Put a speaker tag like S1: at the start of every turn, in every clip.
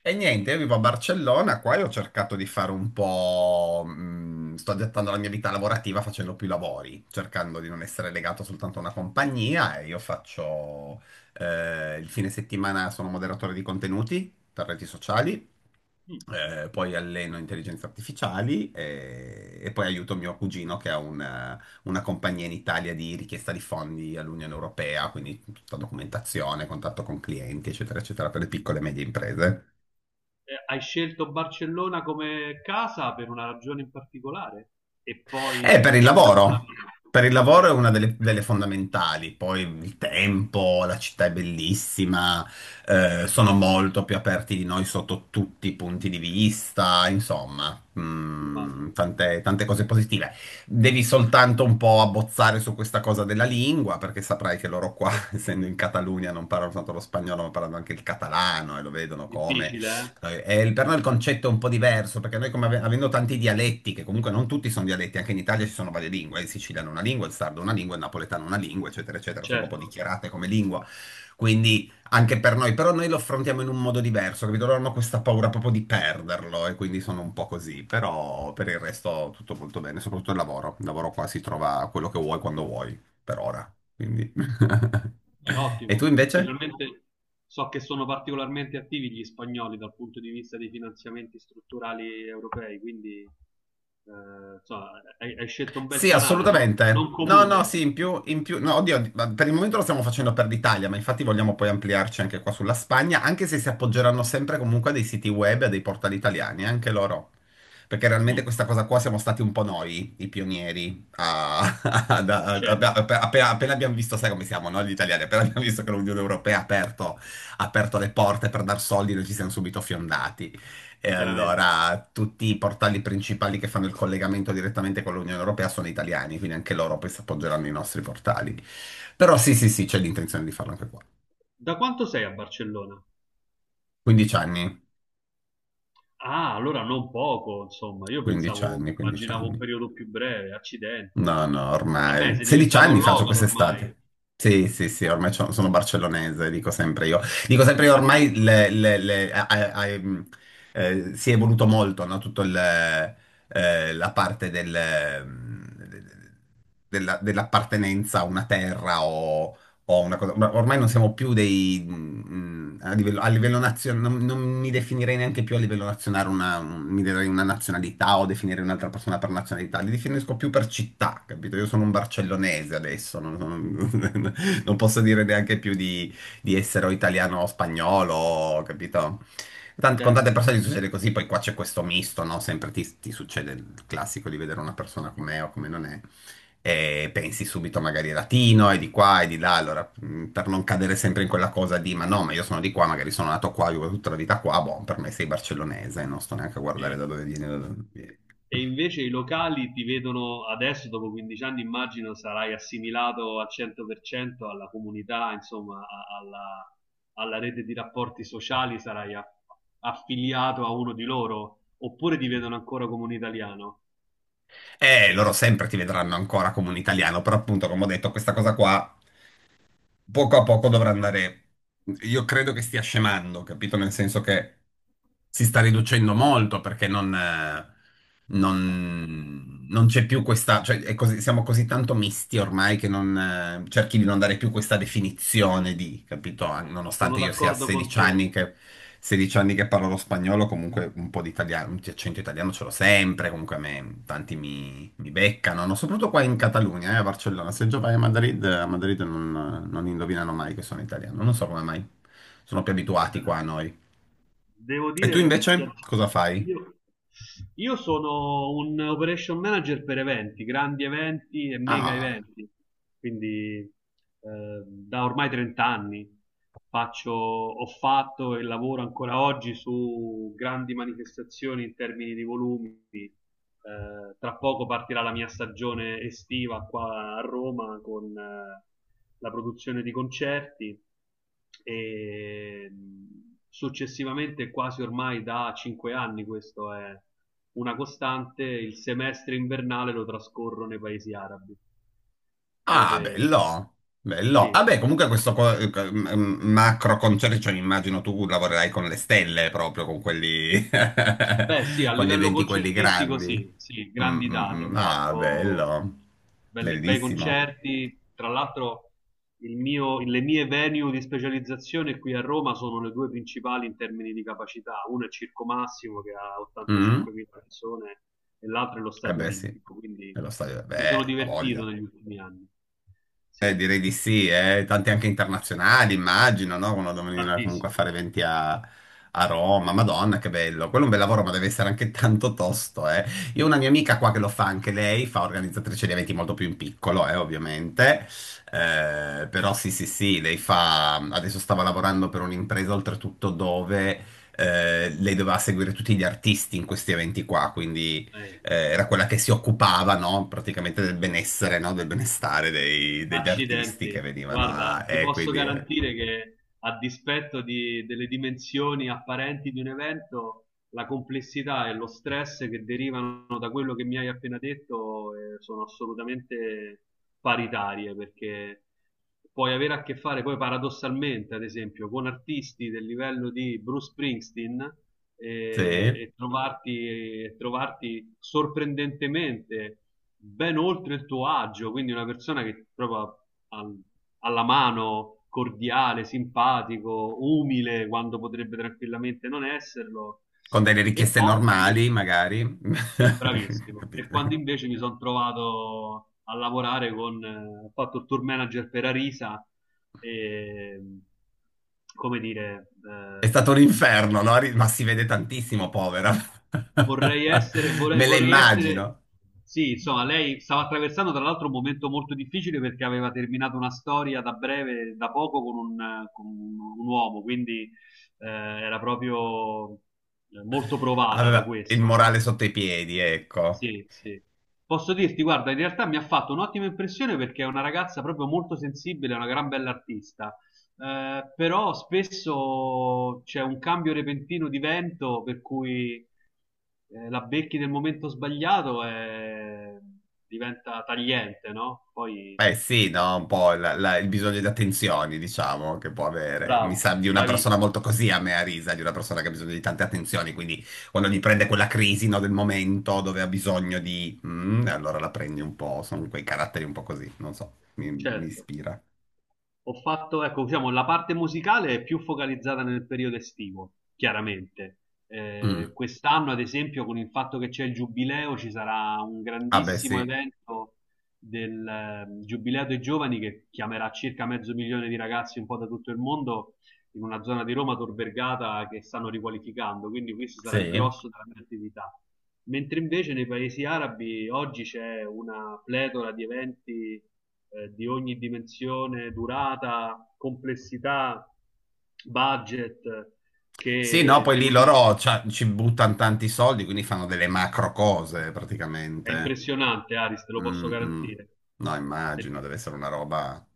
S1: E niente, io vivo a Barcellona, qua e ho cercato di fare un po' sto adattando la mia vita lavorativa facendo più lavori, cercando di non essere legato soltanto a una compagnia e io faccio... il fine settimana sono moderatore di contenuti per reti sociali,
S2: Mm.
S1: poi alleno intelligenze artificiali e poi aiuto mio cugino che ha una compagnia in Italia di richiesta di fondi all'Unione Europea, quindi tutta documentazione, contatto con clienti, eccetera, eccetera, per le piccole e medie imprese.
S2: Hai scelto Barcellona come casa per una ragione in particolare? E poi
S1: Per
S2: il
S1: il
S2: lavoro con la
S1: lavoro.
S2: vita.
S1: Per il
S2: Ok,
S1: lavoro è una delle fondamentali. Poi il tempo, la città è bellissima, sono molto più aperti di noi sotto tutti i punti di vista, insomma, mm,
S2: immagino.
S1: tante cose positive. Devi soltanto un po' abbozzare su questa cosa della lingua, perché saprai che loro qua, essendo in Catalunia, non parlano soltanto lo spagnolo, ma parlano anche il catalano e lo vedono come
S2: Difficile, eh?
S1: per noi il concetto è un po' diverso, perché noi come avendo tanti dialetti, che comunque non tutti sono dialetti, anche in Italia ci sono varie lingue, il siciliano è una lingua, il sardo è una lingua, il napoletano è una lingua, eccetera, eccetera, sono proprio
S2: Certo,
S1: dichiarate come lingua, quindi anche per noi, però noi lo affrontiamo in un modo diverso, capito? Loro hanno questa paura proprio di perderlo e quindi sono un po' così, però per il resto tutto molto bene, soprattutto il lavoro qua si trova quello che vuoi quando vuoi, per ora, quindi...
S2: è
S1: E tu
S2: ottimo.
S1: invece?
S2: Specialmente so che sono particolarmente attivi gli spagnoli dal punto di vista dei finanziamenti strutturali europei, quindi insomma, hai scelto un bel
S1: Sì,
S2: canale, non
S1: assolutamente. No, no,
S2: comune.
S1: sì, in più, no, oddio, ma per il momento lo stiamo facendo per l'Italia, ma infatti vogliamo poi ampliarci anche qua sulla Spagna, anche se si appoggeranno sempre comunque a dei siti web e a dei portali italiani, anche loro. Perché realmente
S2: Mm,
S1: questa cosa qua siamo stati un po' noi, i pionieri, ad- a- a-
S2: certo,
S1: appena, appena abbiamo visto, sai come siamo, no, gli italiani, appena abbiamo visto che l'Unione Europea ha aperto le porte per dar soldi, noi ci siamo subito fiondati. E
S2: chiaramente.
S1: allora tutti i portali principali che fanno il collegamento direttamente con l'Unione Europea sono italiani, quindi anche loro poi si appoggeranno ai nostri portali. Però sì, sì, sì, c'è l'intenzione di farlo anche qua.
S2: Da quanto sei a Barcellona?
S1: 15 anni,
S2: Ah, allora non poco, insomma, io
S1: 15
S2: pensavo,
S1: anni, 15
S2: immaginavo un
S1: anni.
S2: periodo più breve, accidenti.
S1: No, no,
S2: Vabbè,
S1: ormai.
S2: sei
S1: 16
S2: diventato un
S1: anni faccio
S2: local ormai.
S1: quest'estate. Sì, sì, sì, sono barcellonese, dico sempre io. Dico sempre io, ormai si è evoluto molto, no? La parte dell'appartenenza a una terra o po' una cosa, ma ormai non siamo più dei, mm, mm, a livello nazionale, non, non mi definirei neanche più a livello nazionale una, mi darei una nazionalità o definire un'altra persona per nazionalità, li definisco più per città, capito? Io sono un barcellonese adesso, non posso dire neanche più di essere o italiano o spagnolo, capito? Con tante
S2: Certo.
S1: persone gli succede così, poi qua c'è questo misto, no? Sempre ti succede il classico di vedere una persona com'è o come non è e pensi subito magari latino e di qua e di là, allora per non cadere sempre in quella cosa di ma no, ma io sono di qua, magari sono nato qua, vivo tutta la vita qua, boh, per me sei barcellonese, non sto neanche a guardare
S2: E,
S1: da dove vieni, da dove vieni.
S2: e invece i locali ti vedono adesso, dopo 15 anni, immagino sarai assimilato al 100% alla comunità, insomma, alla, alla rete di rapporti sociali, affiliato a uno di loro, oppure ti vedono ancora come un italiano.
S1: Loro sempre ti vedranno ancora come un italiano, però appunto, come ho detto, questa cosa qua poco a poco dovrà andare, io credo che stia scemando, capito? Nel senso che si sta riducendo molto perché non c'è più questa, cioè è siamo così tanto misti ormai che non, cerchi di non dare più questa definizione di, capito?
S2: Sono
S1: Nonostante io sia a
S2: d'accordo con
S1: 16
S2: te.
S1: anni che, 16 anni che parlo lo spagnolo, comunque un po' di italiano, un accento italiano ce l'ho sempre, comunque a me tanti mi beccano, no? Soprattutto qua in Catalogna, a Barcellona. Se già vai a Madrid non, non indovinano mai che sono italiano, non so come mai. Sono più
S2: Eh,
S1: abituati qua a noi.
S2: devo
S1: E tu
S2: dire,
S1: invece cosa fai?
S2: io, io sono un operation manager per eventi, grandi eventi e mega
S1: Ah,
S2: eventi, quindi eh, da ormai 30 anni faccio, ho fatto e lavoro ancora oggi su grandi manifestazioni in termini di volumi. Tra poco partirà la mia stagione estiva qua a Roma con la produzione di concerti e successivamente, quasi ormai da 5 anni, questo è una costante, il semestre invernale lo trascorro nei paesi arabi,
S1: ah,
S2: dove
S1: bello, bello.
S2: sì.
S1: Vabbè, comunque questo macro concerto, cioè, immagino tu lavorerai con le stelle proprio, con quelli,
S2: Beh, sì, a
S1: con gli
S2: livello
S1: eventi quelli
S2: concertistico sì,
S1: grandi.
S2: sì,
S1: Mm,
S2: grandi
S1: mm,
S2: date, ho
S1: mm. Ah,
S2: fatto
S1: bello,
S2: bei
S1: bellissimo.
S2: concerti, tra l'altro le mie venue di specializzazione qui a Roma sono le due principali in termini di capacità, una è Circo Massimo che ha
S1: Mm?
S2: 85.000 persone e l'altra è lo
S1: Eh
S2: Stadio
S1: beh sì,
S2: Olimpico, quindi
S1: e lo stadio,
S2: mi sono
S1: beh, ha
S2: divertito
S1: voglia.
S2: negli ultimi anni, sì,
S1: Direi di sì, eh. Tanti anche internazionali, immagino, no? Quando devono venire comunque a
S2: tantissimo.
S1: fare eventi a Roma, Madonna, che bello. Quello è un bel lavoro, ma deve essere anche tanto tosto, eh. Io ho una mia amica qua che lo fa anche lei, fa organizzatrice di eventi molto più in piccolo, ovviamente. Però sì, sì, sì, lei fa... Adesso stava lavorando per un'impresa, oltretutto, dove... lei doveva seguire tutti gli artisti in questi eventi qua, quindi
S2: Eh,
S1: era quella che si occupava, no, praticamente del benessere, no, del benestare degli artisti che
S2: Accidenti,
S1: venivano
S2: guarda,
S1: a...
S2: ti posso
S1: Quindi,
S2: garantire che a dispetto delle dimensioni apparenti di un evento, la complessità e lo stress che derivano da quello che mi hai appena detto, sono assolutamente paritarie, perché puoi avere a che fare poi paradossalmente, ad esempio, con artisti del livello di Bruce Springsteen eh,
S1: sì,
S2: e, trovarti, e trovarti sorprendentemente ben oltre il tuo agio, quindi una persona che proprio al- alla mano, cordiale, simpatico, umile, quando potrebbe tranquillamente non esserlo.
S1: con delle
S2: E
S1: richieste
S2: poi
S1: normali,
S2: invece
S1: magari.
S2: bravissimo. E
S1: Capito?
S2: quando invece mi sono trovato a lavorare con, ho fatto il tour manager per Arisa e, come dire,
S1: È stato un inferno, no? Ma si vede tantissimo, povera. Me la
S2: vorrei essere,
S1: immagino.
S2: sì, insomma, lei stava attraversando tra l'altro un momento molto difficile perché aveva terminato una storia da breve, da poco, un uomo, quindi era proprio molto provata da
S1: Aveva il
S2: questo,
S1: morale
S2: no?
S1: sotto i piedi, ecco.
S2: Sì, sì. Posso dirti, guarda, in realtà mi ha fatto un'ottima impressione perché è una ragazza proprio molto sensibile, è una gran bella artista. Però spesso c'è un cambio repentino di vento per cui la becchi nel momento sbagliato e diventa tagliente, no? Poi
S1: Beh sì, no, un po' il bisogno di attenzioni, diciamo, che può avere. Mi
S2: bravo,
S1: sa di una persona molto
S2: bravissimo,
S1: così a me a risa, di una persona che ha bisogno di tante attenzioni, quindi quando gli prende quella crisi, no, del momento dove ha bisogno di... mm, allora la prendi un po', sono quei caratteri un po' così, non so, mi
S2: certo.
S1: ispira.
S2: Ho fatto, ecco, diciamo, la parte musicale è più focalizzata nel periodo estivo, chiaramente.
S1: Mm.
S2: Quest'anno, ad esempio, con il fatto che c'è il giubileo, ci sarà un
S1: Ah beh
S2: grandissimo
S1: sì,
S2: evento del Giubileo dei Giovani che chiamerà circa mezzo milione di ragazzi un po' da tutto il mondo in una zona di Roma, Tor Vergata, che stanno riqualificando, quindi questo sarà il
S1: sì.
S2: grosso della mia attività. Mentre invece nei paesi arabi oggi c'è una pletora di eventi di ogni dimensione, durata, complessità, budget,
S1: Sì, no,
S2: che
S1: poi lì
S2: devo dire
S1: ci buttano tanti soldi, quindi fanno delle
S2: sì,
S1: macro cose
S2: è
S1: praticamente.
S2: impressionante, Aris, te lo posso
S1: Mm, mm.
S2: garantire.
S1: No, immagino, deve essere una roba...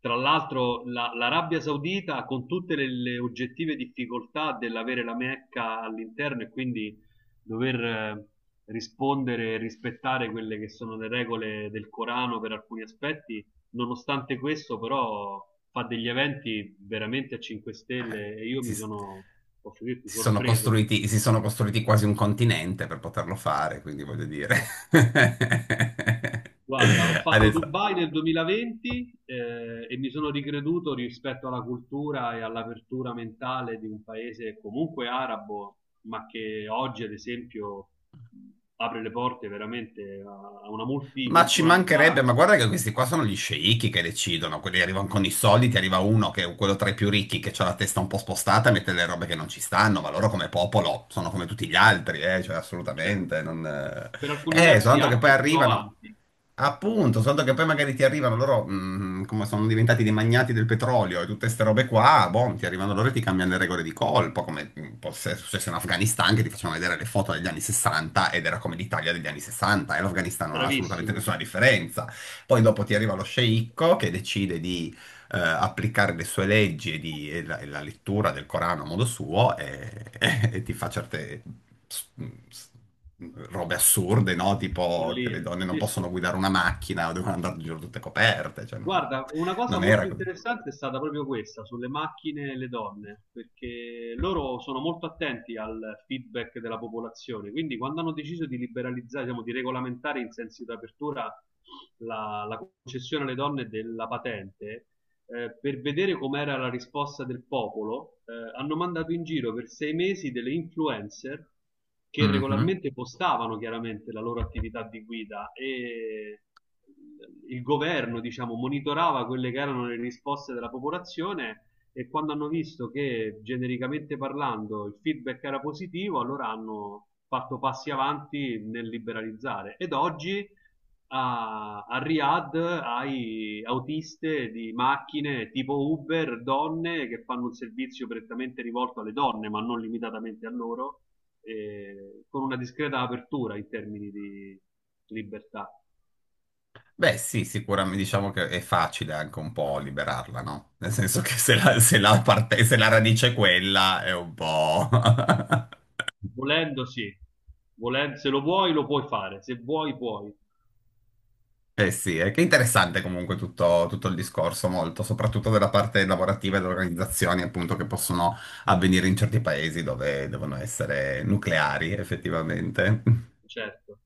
S2: Tra l'altro l'Arabia Saudita con tutte le oggettive difficoltà dell'avere la Mecca all'interno e quindi dover rispondere e rispettare quelle che sono le regole del Corano per alcuni aspetti, nonostante questo però fa degli eventi veramente a 5
S1: eh,
S2: stelle e io
S1: si,
S2: mi sono, posso dirti, sorpreso.
S1: si sono costruiti quasi un continente per poterlo fare, quindi voglio dire.
S2: Dai. Guarda, ho fatto
S1: Adesso.
S2: Dubai nel 2020 e mi sono ricreduto rispetto alla cultura e all'apertura mentale di un paese comunque arabo, ma che oggi, ad esempio, apre le porte veramente a a una
S1: Ma ci mancherebbe,
S2: multiculturalità,
S1: ma guarda che questi qua sono gli sceicchi che decidono, quelli arrivano con i soldi, ti arriva uno che è quello tra i più ricchi che ha la testa un po' spostata e mette le robe che non ci stanno, ma loro come popolo sono come tutti gli altri, cioè
S2: cioè,
S1: assolutamente, non...
S2: per alcuni versi
S1: soltanto che poi
S2: anche più
S1: arrivano,
S2: avanti.
S1: appunto, soltanto che poi magari ti arrivano loro, mm, come sono diventati dei magnati del petrolio e tutte queste robe qua, boh, ti arrivano loro e ti cambiano le regole di colpo, come mm, può essere successo in Afghanistan, che ti facevano vedere le foto degli anni 60 ed era come l'Italia degli anni 60 e l'Afghanistan non ha assolutamente
S2: Bravissimo,
S1: nessuna differenza. Poi dopo ti arriva lo sceicco che decide di applicare le sue leggi e la lettura del Corano a modo suo e, e ti fa certe s- s- robe assurde, no? Tipo che le
S2: follia.
S1: donne non
S2: Sì,
S1: possono
S2: sì.
S1: guidare una macchina o devono andare in giro tutte coperte, cioè non,
S2: Guarda, una cosa
S1: non era
S2: molto
S1: così.
S2: interessante è stata proprio questa sulle macchine e le donne, perché loro sono molto attenti al feedback della popolazione, quindi quando hanno deciso di liberalizzare, diciamo, di regolamentare in senso di apertura la concessione alle donne della patente, per vedere com'era la risposta del popolo, hanno mandato in giro per 6 mesi delle influencer che
S1: Mhm.
S2: regolarmente postavano chiaramente la loro attività di guida e il governo, diciamo, monitorava quelle che erano le risposte della popolazione e quando hanno visto che genericamente parlando il feedback era positivo, allora hanno fatto passi avanti nel liberalizzare. Ed oggi a Riyadh hai autiste di macchine tipo Uber, donne che fanno un servizio prettamente rivolto alle donne, ma non limitatamente a loro, con una discreta apertura in termini di libertà.
S1: Beh, sì, sicuramente diciamo che è facile anche un po' liberarla, no? Nel senso che se la se la radice è quella è un po'...
S2: Volendo, sì, se lo vuoi, lo puoi fare, se vuoi, puoi,
S1: Eh sì, è che è interessante comunque tutto, tutto il discorso, molto, soprattutto della parte lavorativa e delle organizzazioni appunto che possono avvenire in certi paesi dove devono essere nucleari effettivamente.
S2: certo.